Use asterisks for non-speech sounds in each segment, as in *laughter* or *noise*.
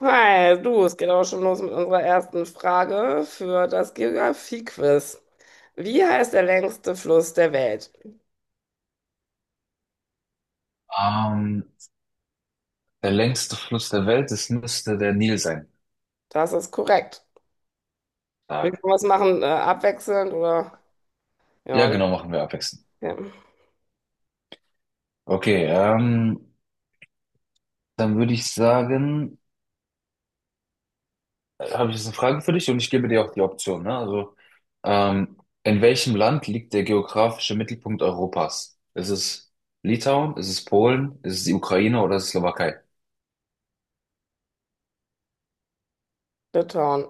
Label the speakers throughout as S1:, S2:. S1: Hi, du, es geht auch schon los mit unserer ersten Frage für das Geografie-Quiz. Wie heißt der längste Fluss der Welt?
S2: Ähm, Der längste Fluss der Welt, das müsste der Nil sein.
S1: Das ist korrekt. Wir können
S2: Stark.
S1: was machen, abwechselnd oder
S2: Ja,
S1: ja,
S2: genau, machen wir abwechselnd.
S1: ja.
S2: Okay, dann würde ich sagen, habe ich jetzt eine Frage für dich und ich gebe dir auch die Option, ne? Also, ähm, in welchem Land liegt der geografische Mittelpunkt Europas? Ist es Litauen? Ist es Polen? Ist es die Ukraine oder ist es Slowakei?
S1: Litauen.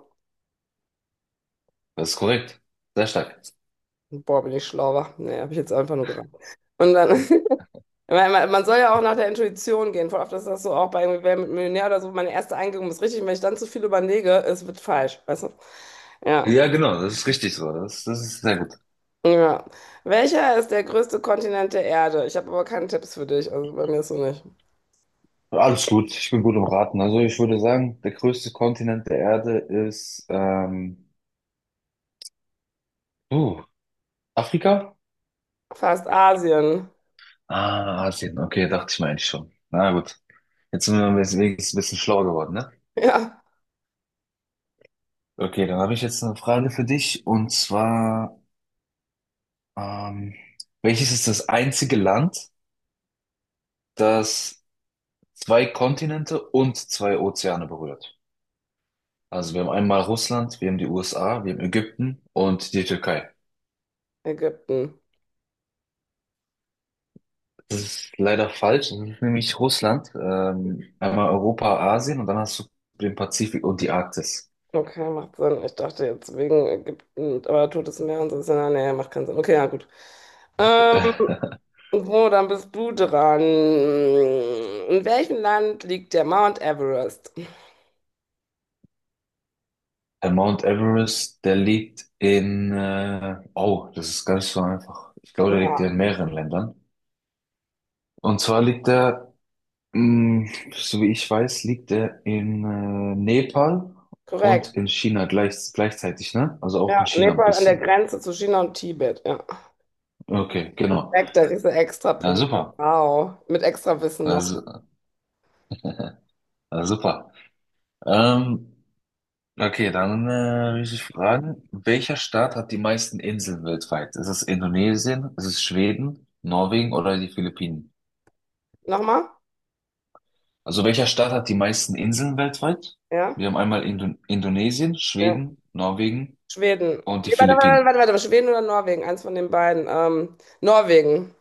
S2: Das ist korrekt. Sehr stark.
S1: Boah, bin ich schlauer. Nee, habe ich jetzt einfach nur geraten. Und dann, *laughs* weil man soll ja auch nach der Intuition gehen. Voll oft ist das so auch bei irgendwie Wer wird Millionär oder so. Meine erste Eingebung ist richtig. Wenn ich dann zu viel überlege, es wird falsch. Weißt du? Ja.
S2: Ja, genau, das ist richtig so. Das ist sehr gut.
S1: Ja. Welcher ist der größte Kontinent der Erde? Ich habe aber keine Tipps für dich, also bei mir ist so nicht.
S2: Alles gut, ich bin gut im Raten. Also ich würde sagen, der größte Kontinent der Erde ist uh, Afrika?
S1: Fast Asien. *laughs*
S2: Ah, Asien. Okay, dachte ich mir eigentlich schon. Na gut. Jetzt sind wir wenigstens ein bisschen schlauer geworden, ne?
S1: Ja,
S2: Okay, dann habe ich jetzt eine Frage für dich. Und zwar, ähm, welches ist das einzige Land, das zwei Kontinente und zwei Ozeane berührt? Also wir haben einmal Russland, wir haben die USA, wir haben Ägypten und die Türkei.
S1: Ägypten.
S2: Das ist leider falsch. Das ist nämlich Russland, einmal Europa, Asien und dann hast du den Pazifik und die Arktis.
S1: Okay, macht Sinn. Ich dachte jetzt wegen Ägypten, aber Totes Meer und so ist ja, nah, nee, macht keinen Sinn. Okay, ja, gut. Ähm,
S2: Äh,
S1: so, dann bist du dran. In welchem Land liegt der Mount Everest?
S2: der Mount Everest, der liegt in, oh, das ist gar nicht so einfach. Ich glaube, der liegt
S1: Aha,
S2: ja in mehreren Ländern. Und zwar liegt er, mh, so wie ich weiß, liegt er in Nepal
S1: korrekt.
S2: und in China gleichzeitig, ne? Also auch in
S1: Ja,
S2: China ein
S1: Nepal an der
S2: bisschen.
S1: Grenze zu China und Tibet. Ja.
S2: Okay, genau.
S1: Korrekt, da kriegst du extra
S2: Na
S1: Punkte.
S2: super.
S1: Wow. Mit extra Wissen noch.
S2: Also, na super. Ähm, Okay, dann will ich dich fragen, welcher Staat hat die meisten Inseln weltweit? Ist es Indonesien, ist es Schweden, Norwegen oder die Philippinen?
S1: Nochmal?
S2: Also welcher Staat hat die meisten Inseln weltweit?
S1: Ja,
S2: Wir haben einmal Indonesien,
S1: ja.
S2: Schweden, Norwegen
S1: Schweden.
S2: und die
S1: Nee, warte, warte,
S2: Philippinen.
S1: warte, warte, Schweden oder Norwegen? Eins von den beiden. Norwegen.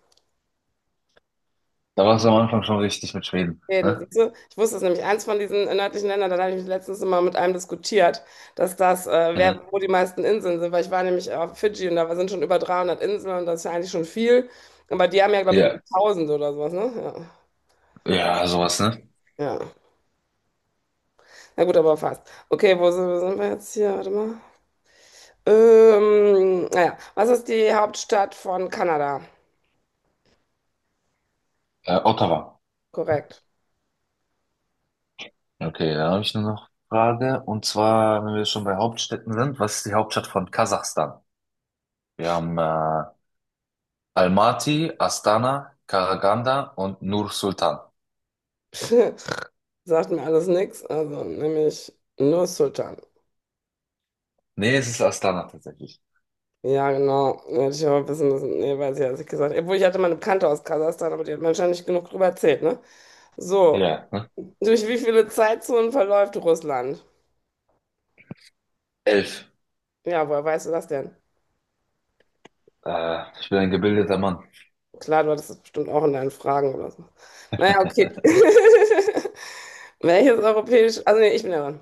S2: Da war es am Anfang schon richtig mit Schweden,
S1: Schweden,
S2: ne?
S1: siehst du? Ich wusste es nämlich, eins von diesen nördlichen Ländern, da habe ich mich letztens mal mit einem diskutiert, dass das, wer,
S2: Mhm.
S1: wo die meisten Inseln sind, weil ich war nämlich auf Fidschi und da sind schon über 300 Inseln und das ist ja eigentlich schon viel. Aber die haben ja, glaube ich, über
S2: Ja,
S1: 1000 oder sowas, ne?
S2: ja, sowas, ne?
S1: Ja, ja. Na gut, aber fast. Okay, wo sind wir jetzt hier? Warte mal. Naja, was ist die Hauptstadt von Kanada?
S2: Ottawa.
S1: Korrekt.
S2: Okay, da habe ich nur noch Frage. Und zwar, wenn wir schon bei Hauptstädten sind, was ist die Hauptstadt von Kasachstan? Wir haben Almaty, Astana, Karaganda und Nur Sultan.
S1: *laughs* Sagt mir alles nichts, also nämlich nur Sultan.
S2: Nee, es ist Astana tatsächlich.
S1: Ja, genau. Hätte ich aber wissen müssen. Nee, weiß ich, ja, als ich gesagt habe. Obwohl, ich hatte mal eine Bekannte aus Kasachstan, aber die hat mir wahrscheinlich nicht genug drüber erzählt, ne? So,
S2: Ja, ne?
S1: durch wie viele Zeitzonen verläuft Russland?
S2: Elf.
S1: Ja, woher weißt du das denn?
S2: Ich bin ein gebildeter Mann.
S1: Klar, du hattest das bestimmt auch in deinen Fragen oder so. Naja, okay. *laughs* Welches europäisch... Also, nee, ich bin ja dran.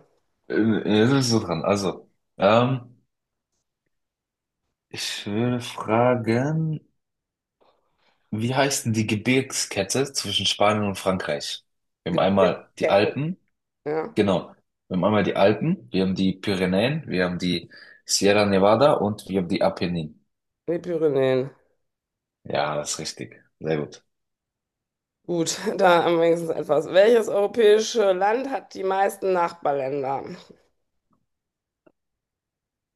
S2: Jetzt bist du dran. Also, ähm, ich würde fragen, wie heißt denn die Gebirgskette zwischen Spanien und Frankreich? Wir haben einmal die
S1: Gebirgskette.
S2: Alpen,
S1: Ja,
S2: genau. Wir haben einmal die Alpen, wir haben die Pyrenäen, wir haben die Sierra Nevada und wir haben die Apenninen.
S1: die Pyrenäen.
S2: Ja, das ist richtig. Sehr gut.
S1: Gut, *laughs* da am wenigsten etwas. Welches europäische Land hat die meisten Nachbarländer?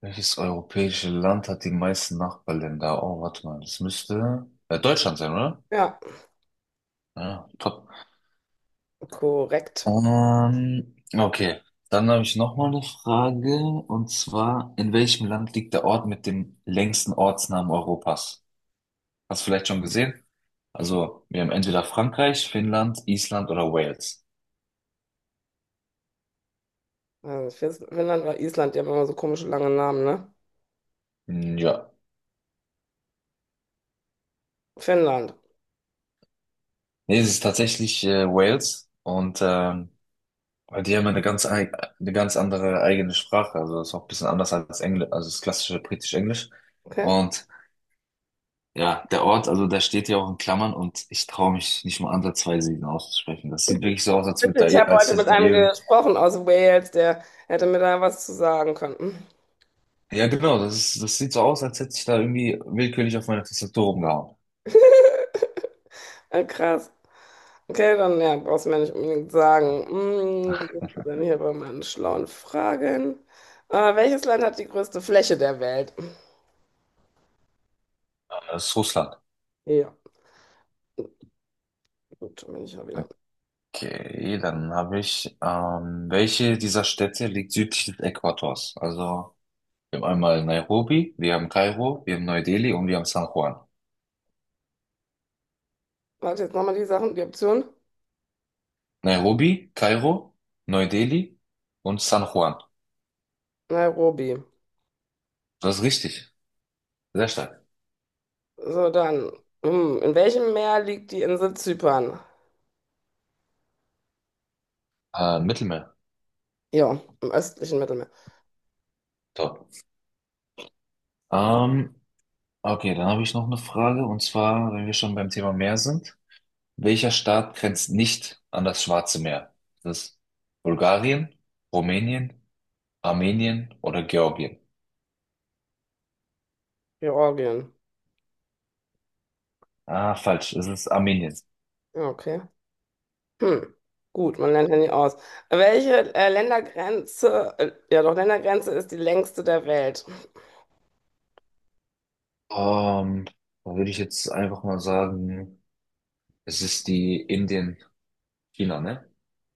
S2: Welches europäische Land hat die meisten Nachbarländer? Oh, warte mal, das müsste Deutschland sein, oder?
S1: Ja,
S2: Ja, top.
S1: korrekt.
S2: Okay, dann habe ich noch mal eine Frage und zwar, in welchem Land liegt der Ort mit dem längsten Ortsnamen Europas? Hast du vielleicht schon gesehen? Also, wir haben entweder Frankreich, Finnland, Island oder Wales.
S1: Also Fis- Finnland oder Island, die haben immer so komische lange Namen, ne?
S2: Hm, ja,
S1: Finnland,
S2: nee, es ist tatsächlich Wales und weil die haben ja eine eine ganz andere eigene Sprache. Also ist auch ein bisschen anders als Englisch, also das klassische britisch-Englisch.
S1: okay.
S2: Und ja, der Ort, also da steht ja auch in Klammern und ich traue mich nicht mal ansatzweise ihn auszusprechen. Das sieht wirklich so aus, als würde da,
S1: Ich habe
S2: als
S1: heute
S2: hätte
S1: mit
S2: da
S1: einem
S2: irgend.
S1: gesprochen aus Wales, der hätte mir da was zu sagen können. Hm,
S2: Ja, genau, das ist, das sieht so aus, als hätte ich da irgendwie willkürlich auf meine Tastatur rumgehauen.
S1: Krass. Okay, dann ja, brauchst du mir nicht unbedingt sagen. Hm, wo sind wir denn hier bei meinen schlauen Fragen? Welches Land hat die größte Fläche der Welt?
S2: Das ist Russland.
S1: Ja, gut, bin ich ja wieder.
S2: Okay, dann habe ich, welche dieser Städte liegt südlich des Äquators? Also, wir haben einmal Nairobi, wir haben Kairo, wir haben Neu-Delhi und wir haben San Juan.
S1: Warte, jetzt nochmal die Sachen, die Option.
S2: Nairobi, Kairo, Neu-Delhi und San Juan.
S1: Nairobi.
S2: Das ist richtig. Sehr stark.
S1: So, dann. Hm. In welchem Meer liegt die Insel Zypern?
S2: Mittelmeer.
S1: Ja, im östlichen Mittelmeer.
S2: Top. Ähm, okay, dann habe ich noch eine Frage. Und zwar, wenn wir schon beim Thema Meer sind. Welcher Staat grenzt nicht an das Schwarze Meer? Das ist Bulgarien, Rumänien, Armenien oder Georgien?
S1: Georgien.
S2: Ah, falsch. Es ist Armenien.
S1: Ja, okay. Hm. Gut, man lernt ja nie aus. Welche Ländergrenze, ja doch, Ländergrenze ist die längste der Welt?
S2: Ähm, dann würde ich jetzt einfach mal sagen, es ist die Indien, China, ne?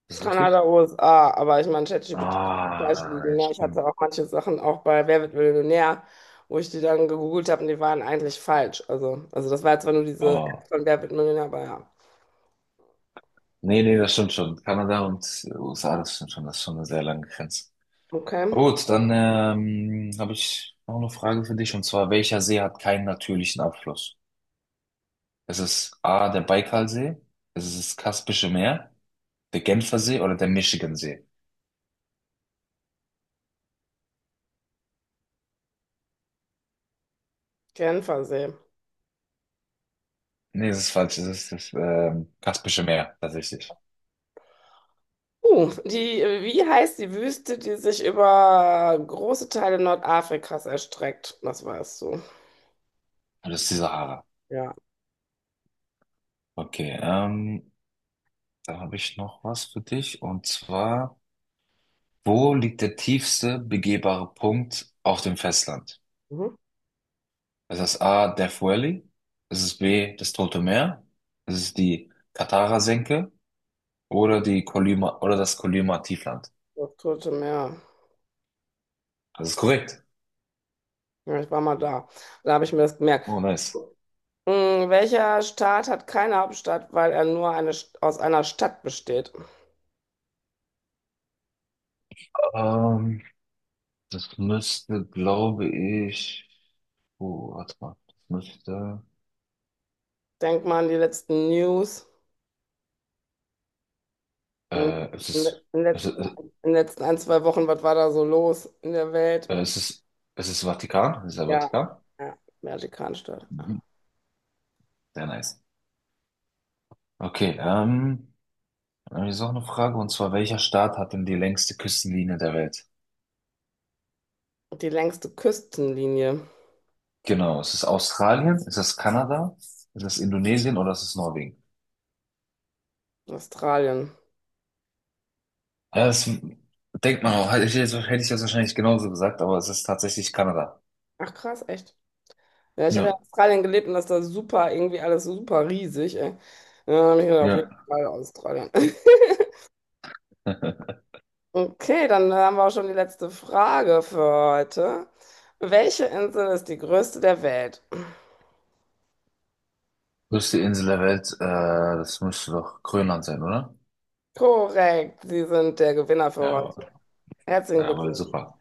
S2: Ist das
S1: Kanada,
S2: richtig?
S1: USA, aber ich meine, ChatGPT kann falsch liegen.
S2: Ah,
S1: Ne?
S2: ich
S1: Ich
S2: bin
S1: hatte auch manche Sachen auch bei Wer wird Millionär, wo ich die dann gegoogelt habe und die waren eigentlich falsch. Also das war jetzt zwar nur diese
S2: Ah,
S1: App von Wer wird Millionär, aber ja.
S2: nee, nee, das stimmt schon. Kanada und USA, das stimmt schon, das ist schon eine sehr lange Grenze.
S1: Okay.
S2: Gut, dann habe ich noch eine Frage für dich, und zwar, welcher See hat keinen natürlichen Abfluss? Ist es A, der Baikalsee? Ist es das Kaspische Meer, der Genfersee oder der Michigansee?
S1: Genfersee.
S2: Nee, das ist falsch, es ist das Kaspische Meer, tatsächlich.
S1: Die, wie heißt die Wüste, die sich über große Teile Nordafrikas erstreckt? Das weißt du.
S2: Und das ist die Sahara.
S1: Ja.
S2: Okay, da habe ich noch was für dich, und zwar, wo liegt der tiefste begehbare Punkt auf dem Festland?
S1: Mhm.
S2: Es ist A, Death Valley. Es ist B, das Tote Meer. Es ist die Katara-Senke oder die Kolyma oder das Kolyma-Tiefland.
S1: Das Tote Meer.
S2: Das ist korrekt.
S1: Ja, ich war mal da. Da habe ich mir das gemerkt.
S2: Oh, nice.
S1: Hm, welcher Staat hat keine Hauptstadt, weil er nur eine, St- aus einer Stadt besteht?
S2: Ähm, das müsste, glaube ich. Oh, warte mal. Das müsste.
S1: Denk mal an die letzten News. Hm,
S2: Äh, es
S1: In den
S2: ist.
S1: in den
S2: Es
S1: letzten,
S2: ist.
S1: in den letzten ein, zwei Wochen, was war da so los in der Welt?
S2: Es ist. Es ist Vatikan. Es ist der
S1: Ja,
S2: Vatikan.
S1: ja, Vatikanstadt.
S2: Mhm. Sehr nice. Okay, dann habe ich jetzt auch eine Frage, und zwar, welcher Staat hat denn die längste Küstenlinie der Welt?
S1: Die längste Küstenlinie
S2: Genau, ist es Australien, ist das Kanada, ist das Indonesien oder ist es Norwegen?
S1: Australien.
S2: Ja, das denkt man auch. Hätte ich jetzt wahrscheinlich genauso gesagt, aber es ist tatsächlich Kanada.
S1: Ach krass, echt. Ja, ich habe ja
S2: Ja,
S1: in Australien gelebt und das ist da super, irgendwie alles super riesig, ey. Ja, dann hab ich gedacht, auf jeden
S2: ja.
S1: Fall Australien. *laughs*
S2: *laughs*
S1: Okay, dann haben wir auch schon die letzte Frage für heute. Welche Insel ist die größte der Welt?
S2: Größte Insel der Welt, das müsste doch Grönland sein, oder?
S1: Korrekt, Sie sind der Gewinner für
S2: Ja, aber,
S1: heute. Herzlichen
S2: ja, aber
S1: Glückwunsch.
S2: super.